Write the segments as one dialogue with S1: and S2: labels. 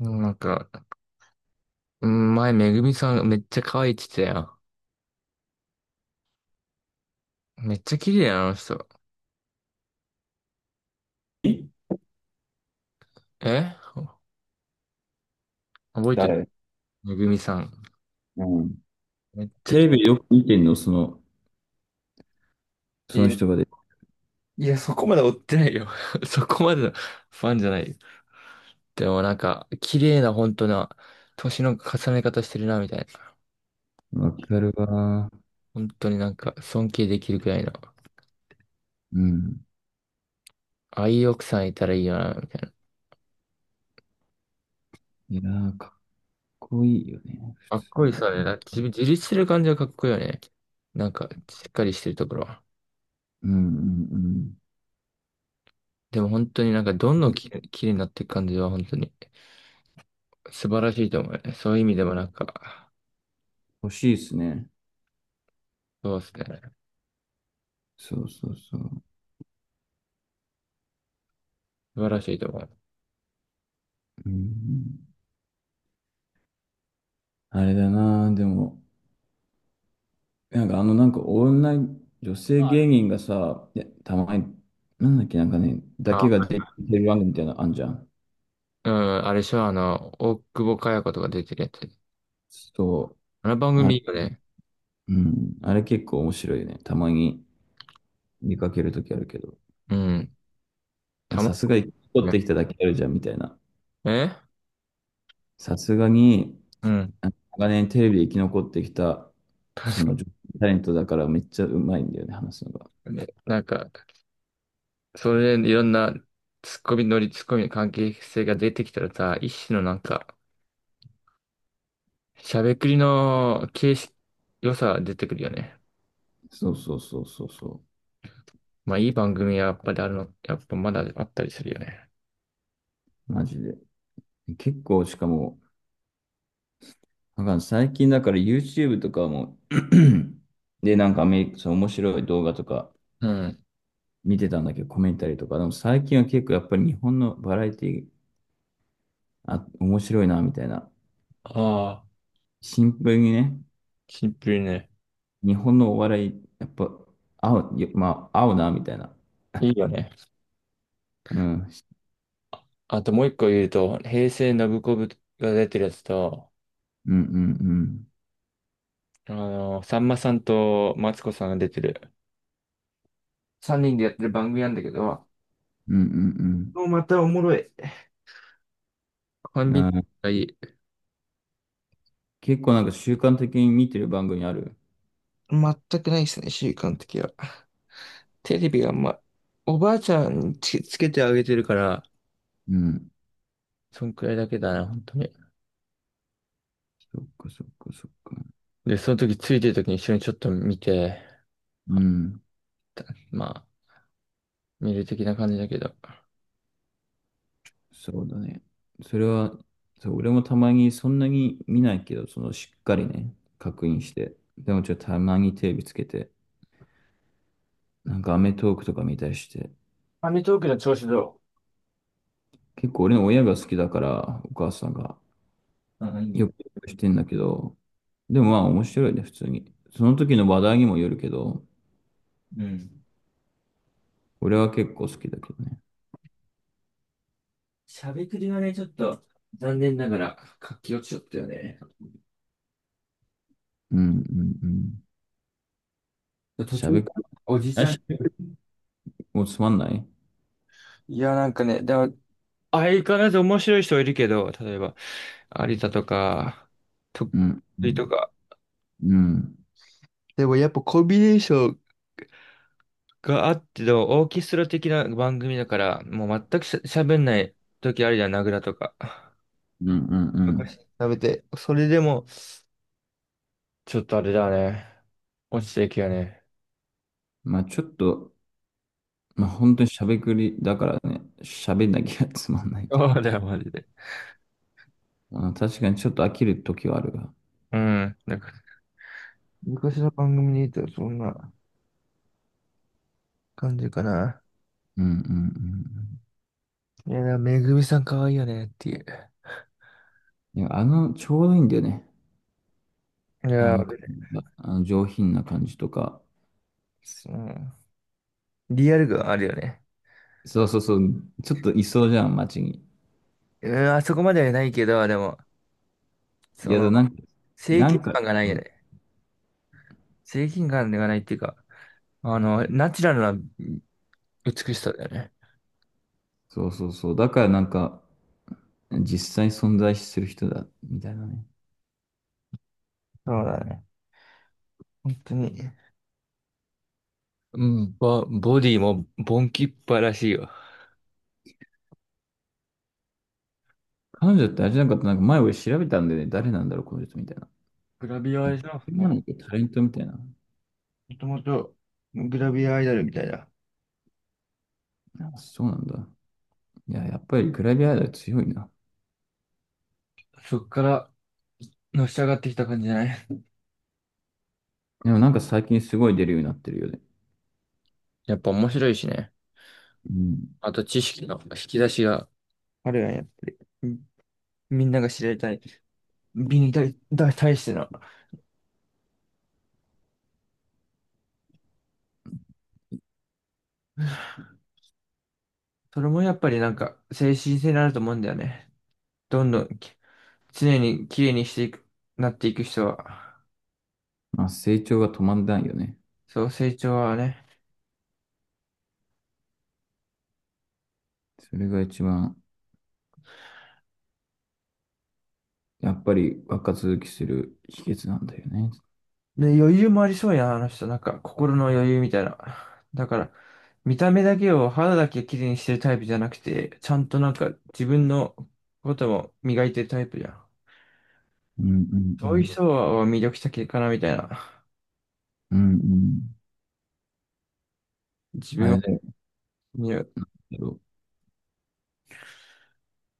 S1: うん、なんか、うん、前、めぐみさんめっちゃ可愛いって言ってたよ。めっちゃ綺麗な、あの人。え、覚えてる？
S2: 誰？
S1: めぐみさん。
S2: うん。
S1: めっちゃ、
S2: テレビよく見てんの、そ
S1: い
S2: の
S1: や、
S2: 人がで。
S1: いや、そこまで追ってないよ。そこまでのファンじゃないよ。でもなんか、綺麗な、本当な、年の重ね方してるな、みたいな。
S2: わかるわ。
S1: 本当になんか、尊敬できるくらいの。
S2: うん。
S1: ああいう奥さんいたらいいよな、みたいな。
S2: いやー、かっこいいよね、普
S1: かっこいい
S2: 通。
S1: さね。なんか自分自立してる感じはかっこいいよね。なんか、しっかりしてるところ。
S2: うんうんうん。
S1: でも本当になんかどんどん綺麗になっていく感じは本当に素晴らしいと思うね。そういう意味でもなんか、
S2: 欲しいですね。
S1: そうですね。
S2: そうそうそう。
S1: 素晴らしいと思う。
S2: うん。あれだな、でも、なんかなんか女性芸人がさ、いやたまに、なんだっけ、なんかね、だけが
S1: あ、
S2: 出てる番組みたいなのあんじゃん。
S1: うん、あれでしょ、あの、大久保佳代子とか出てるやつ。
S2: そ
S1: あの番
S2: う。
S1: 組いいよね。
S2: うん。あれ結構面白いよね。たまに見かけるときあるけど。
S1: うん。たま
S2: さ
S1: ん
S2: すが生き残っ
S1: な
S2: てきただけあるじゃん、みたいな。
S1: いね。
S2: さすがに、
S1: うん。
S2: あ長年テレビで生き残ってきた、そ
S1: 確か
S2: の女性タレントだからめっちゃうまいんだよね、話すのが。
S1: にね。なんか、それでいろんなツッコミの関係性が出てきたらさ、一種のなんか、しゃべくりの形式、良さが出てくるよね。
S2: そうそうそうそうそ
S1: まあいい番組はやっぱりあるの、やっぱまだあったりするよね。
S2: う。マジで。結構、しかも、なんか最近だから YouTube とかも で、なんかアメリカ、その面白い動画とか
S1: うん。
S2: 見てたんだけど、コメンタリーとか。でも最近は結構やっぱり日本のバラエティー、あ、面白いな、みたいな。
S1: ああ、
S2: シンプルにね、
S1: シンプルね。
S2: 日本のお笑い、やっぱ、合う、よまあ、合うな、みたいな。
S1: いいよね。
S2: うん。
S1: あともう一個言うと、平成ノブコブが出てるやつと、
S2: うんうんうん。
S1: あの、さんまさんとマツコさんが出てる。三人でやってる番組なんだけど、
S2: うんうん
S1: もうまたおもろい。コ
S2: う
S1: ン
S2: ん。
S1: ビ
S2: あ
S1: ニ
S2: ー、
S1: がいい。
S2: 結構なんか習慣的に見てる番組ある？
S1: 全くないですね、習慣的は。テレビがあんま、おばあちゃんにつけてあげてるから、
S2: うん。
S1: そんくらいだけだな、本当に。
S2: そっかそっかそっか。
S1: で、その時ついてる時に一緒にちょっと見て、
S2: う
S1: あ、
S2: ん。
S1: まあ、見る的な感じだけど。
S2: そうだね。それは、そう、俺もたまにそんなに見ないけど、そのしっかりね、確認して。でもちょっとたまにテレビつけて、なんかアメトーークとか見たりして。
S1: アメトークの調子どう？
S2: 結構俺の親が好きだから、お母さんが。
S1: あ、いいね。
S2: よくしてんだけど、でもまあ面白いね、普通に。その時の話題にもよるけど、
S1: うん。
S2: 俺は結構好きだけどね。
S1: しゃべくりはね、ちょっと、残念ながら、活気落ちちゃったよね。
S2: うんうんうん。
S1: 途
S2: しゃ
S1: 中、
S2: べくり、
S1: おじちゃ
S2: し
S1: ん。
S2: ゃべくりもつまんない？
S1: いや、なんかね、でも、相変わらず面白い人いるけど、例えば、有田とか、と、
S2: うんう
S1: と
S2: ん
S1: か。
S2: うん
S1: でもやっぱコンビネーションがあっての、オーケストラ的な番組だから、もう全く喋んない時あるじゃん、名倉とか。
S2: うんう
S1: 昔
S2: ん。
S1: 食べて、それでも、ちょっとあれだね。落ちていくよね。
S2: まあちょっと、まあ 本当にしゃべくりだからね、しゃべんなきゃつまんないという
S1: そう
S2: か、
S1: だよ、マジで。
S2: まあ確かにちょっと飽きる時はあるが。
S1: うん。なんか昔の番組にいたらそんな感じかな。
S2: うんうん
S1: いや、めぐみさん可愛いよねっていう。
S2: うん。いや、ちょうどいいんだよね。
S1: い
S2: あ
S1: や、
S2: の
S1: 俺
S2: 感
S1: ね、
S2: じが、あの上品な感じとか。
S1: うん。リアル感あるよね。
S2: そうそうそう、ちょっといそうじゃん、街に。
S1: うん、あそこまではないけど、でも、
S2: い
S1: そ
S2: や、
S1: の、
S2: でもなんか、
S1: 正
S2: なん
S1: 義
S2: か、
S1: 感がないよね。正義感がないっていうか、あの、ナチュラルな美しさだよね。
S2: そうそうそう。だからなんか、実際存在する人だ、みたいなね。
S1: そうだね。本当に。うん、ボディもボンキッパらしいよ。
S2: 彼女ってあれじゃなかった、なんか前俺調べたんでね、誰なんだろう、この人みたいな。
S1: グラビアアイドル
S2: なんだ
S1: も、
S2: っけ、タレントみたいな。
S1: もともとグラビアアイドルみたいな。
S2: あ、そうなんだ。いや、やっぱりグラビアアイドル強いな。
S1: そっからのし上がってきた感じじゃない？
S2: でもなんか最近すごい出るようになってるよね。
S1: やっぱ面白いしね。
S2: うん。
S1: あと知識の引き出しが。あるやん、やっぱり。みんなが知りたい。美に対、だ対しての。それもやっぱりなんか、精神性になると思うんだよね。どんどん常に綺麗にしていく、なっていく人は、
S2: まあ成長が止まんないよね。
S1: そう、成長はね。
S2: それが一番、やっぱり若続きする秘訣なんだよね。
S1: で、余裕もありそうやん、あの人。なんか、心の余裕みたいな。だから、見た目だけを、肌だけ綺麗にしてるタイプじゃなくて、ちゃんとなんか、自分のことも磨いてるタイプじゃん。
S2: うんうんう
S1: そういう
S2: ん。
S1: 人は魅力的かな、みたいな。
S2: うんうん。
S1: 自
S2: あ
S1: 分
S2: れだ
S1: には、
S2: よ。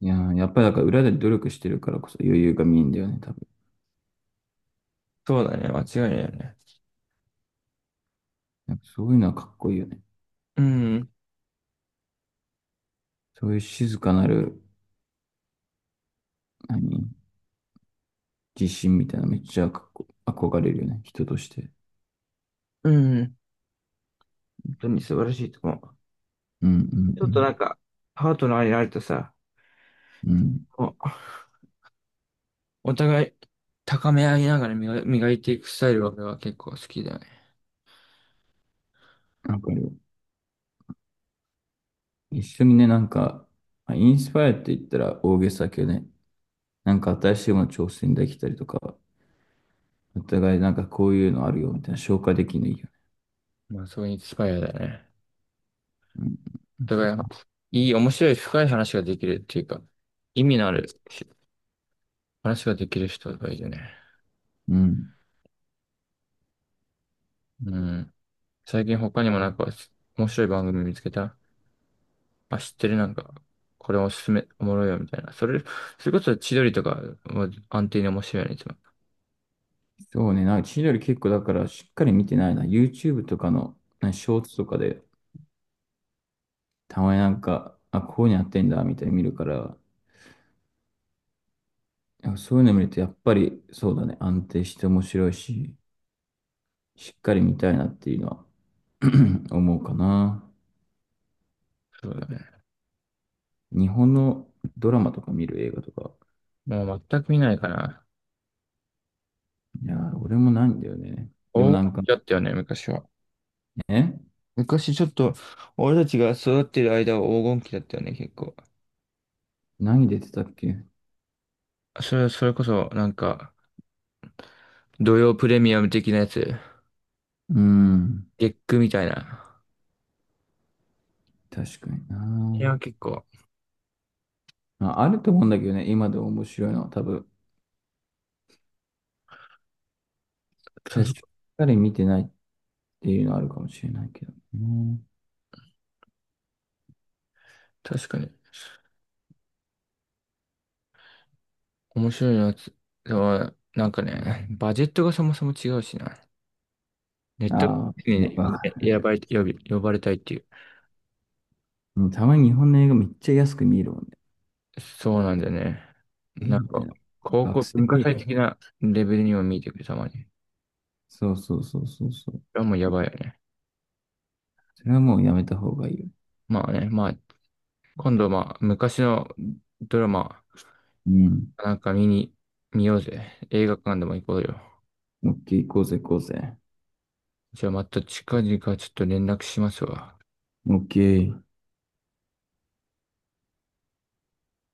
S2: いやー、やっぱりだから裏で努力してるからこそ余裕が見えんだよね、多分。
S1: そうだね、間違いないよね。
S2: なんかそういうのはかっこいいよね。
S1: うん、
S2: そういう静かなる、何、自信みたいなのめっちゃかっこ、憧れるよね、人として。
S1: うん、本当に素晴らしいと思う。
S2: うんう
S1: ちょっとなん
S2: ん
S1: か、パートナーになるとさ、
S2: うん。
S1: お互い高め合いながら磨いていくスタイルは俺は結構好きだね。
S2: うん、わかるよ。一緒にね、なんか、まあインスパイアって言ったら大げさだけどね、なんか新しいもの挑戦できたりとか、お互いなんかこういうのあるよみたいな紹介できるのいいよね。
S1: まあ、そういうインスパイアだよね。
S2: うん。う
S1: お
S2: ん
S1: 互い、いい、面白い、深い話ができるっていうか、意味のある話ができる人がいいよね。
S2: うん。
S1: うん。最近他にもなんか、面白い番組見つけた？あ、知ってる、なんか、これおすすめ、おもろいよ、みたいな。それこそ千鳥とか、安定に面白いよね、いつも。
S2: そうね、なんか千鳥結構だからしっかり見てないな。YouTube とかの、なんかショーツとかでたまになんか、あ、こういうのやってんだ、みたいに見るから、なんかそういうの見るとやっぱりそうだね、安定して面白いし、しっかり見たいなっていうのは 思うかな。
S1: そうだね。
S2: 日本のドラマとか見る？映画とか。
S1: もう全く見ないかな。
S2: いやー、俺もないんだよね。でも
S1: 黄
S2: な
S1: 金
S2: んか
S1: 期だったよね、昔は。
S2: ね、
S1: 昔ちょっと、俺たちが育ってる間は黄金期だったよね、結構。
S2: 何出てたっけ？
S1: それこそ、なんか、土曜プレミアム的なやつ、
S2: うん、
S1: 月クみたいな。
S2: 確かに
S1: い
S2: な。
S1: や、結構、
S2: まあ、あると思うんだけどね、今でも面白いのは多分、ただしっ
S1: そ
S2: かり見てないっていうのはあるかもしれないけどね。
S1: 確かに、面白いやつ。でも、なんかね、バジェットがそもそも違うしな。ネット
S2: ああ、ね、
S1: にね選ばれ、呼び、呼ばれたいっていう。
S2: うん、たまに日本の映画めっちゃ安く見えるもんね。
S1: そうなんだよね。
S2: え
S1: なん
S2: みたい
S1: か、
S2: な。
S1: 高
S2: 学
S1: 校
S2: 生
S1: 文化
S2: 映
S1: 祭
S2: 画じゃん。
S1: 的なレベルにも見えてくる、たまに。
S2: そうそうそうそうそう。
S1: あ、もうやばいよね。
S2: それはもうやめた方がいいよ。
S1: まあね、まあ、今度まあ、昔のドラマ、
S2: うん。
S1: なんか見ようぜ。映画館でも行こうよ。
S2: オッケー、行こうぜ、行こうぜ。
S1: じゃあまた近々ちょっと連絡しますわ。
S2: オッケー。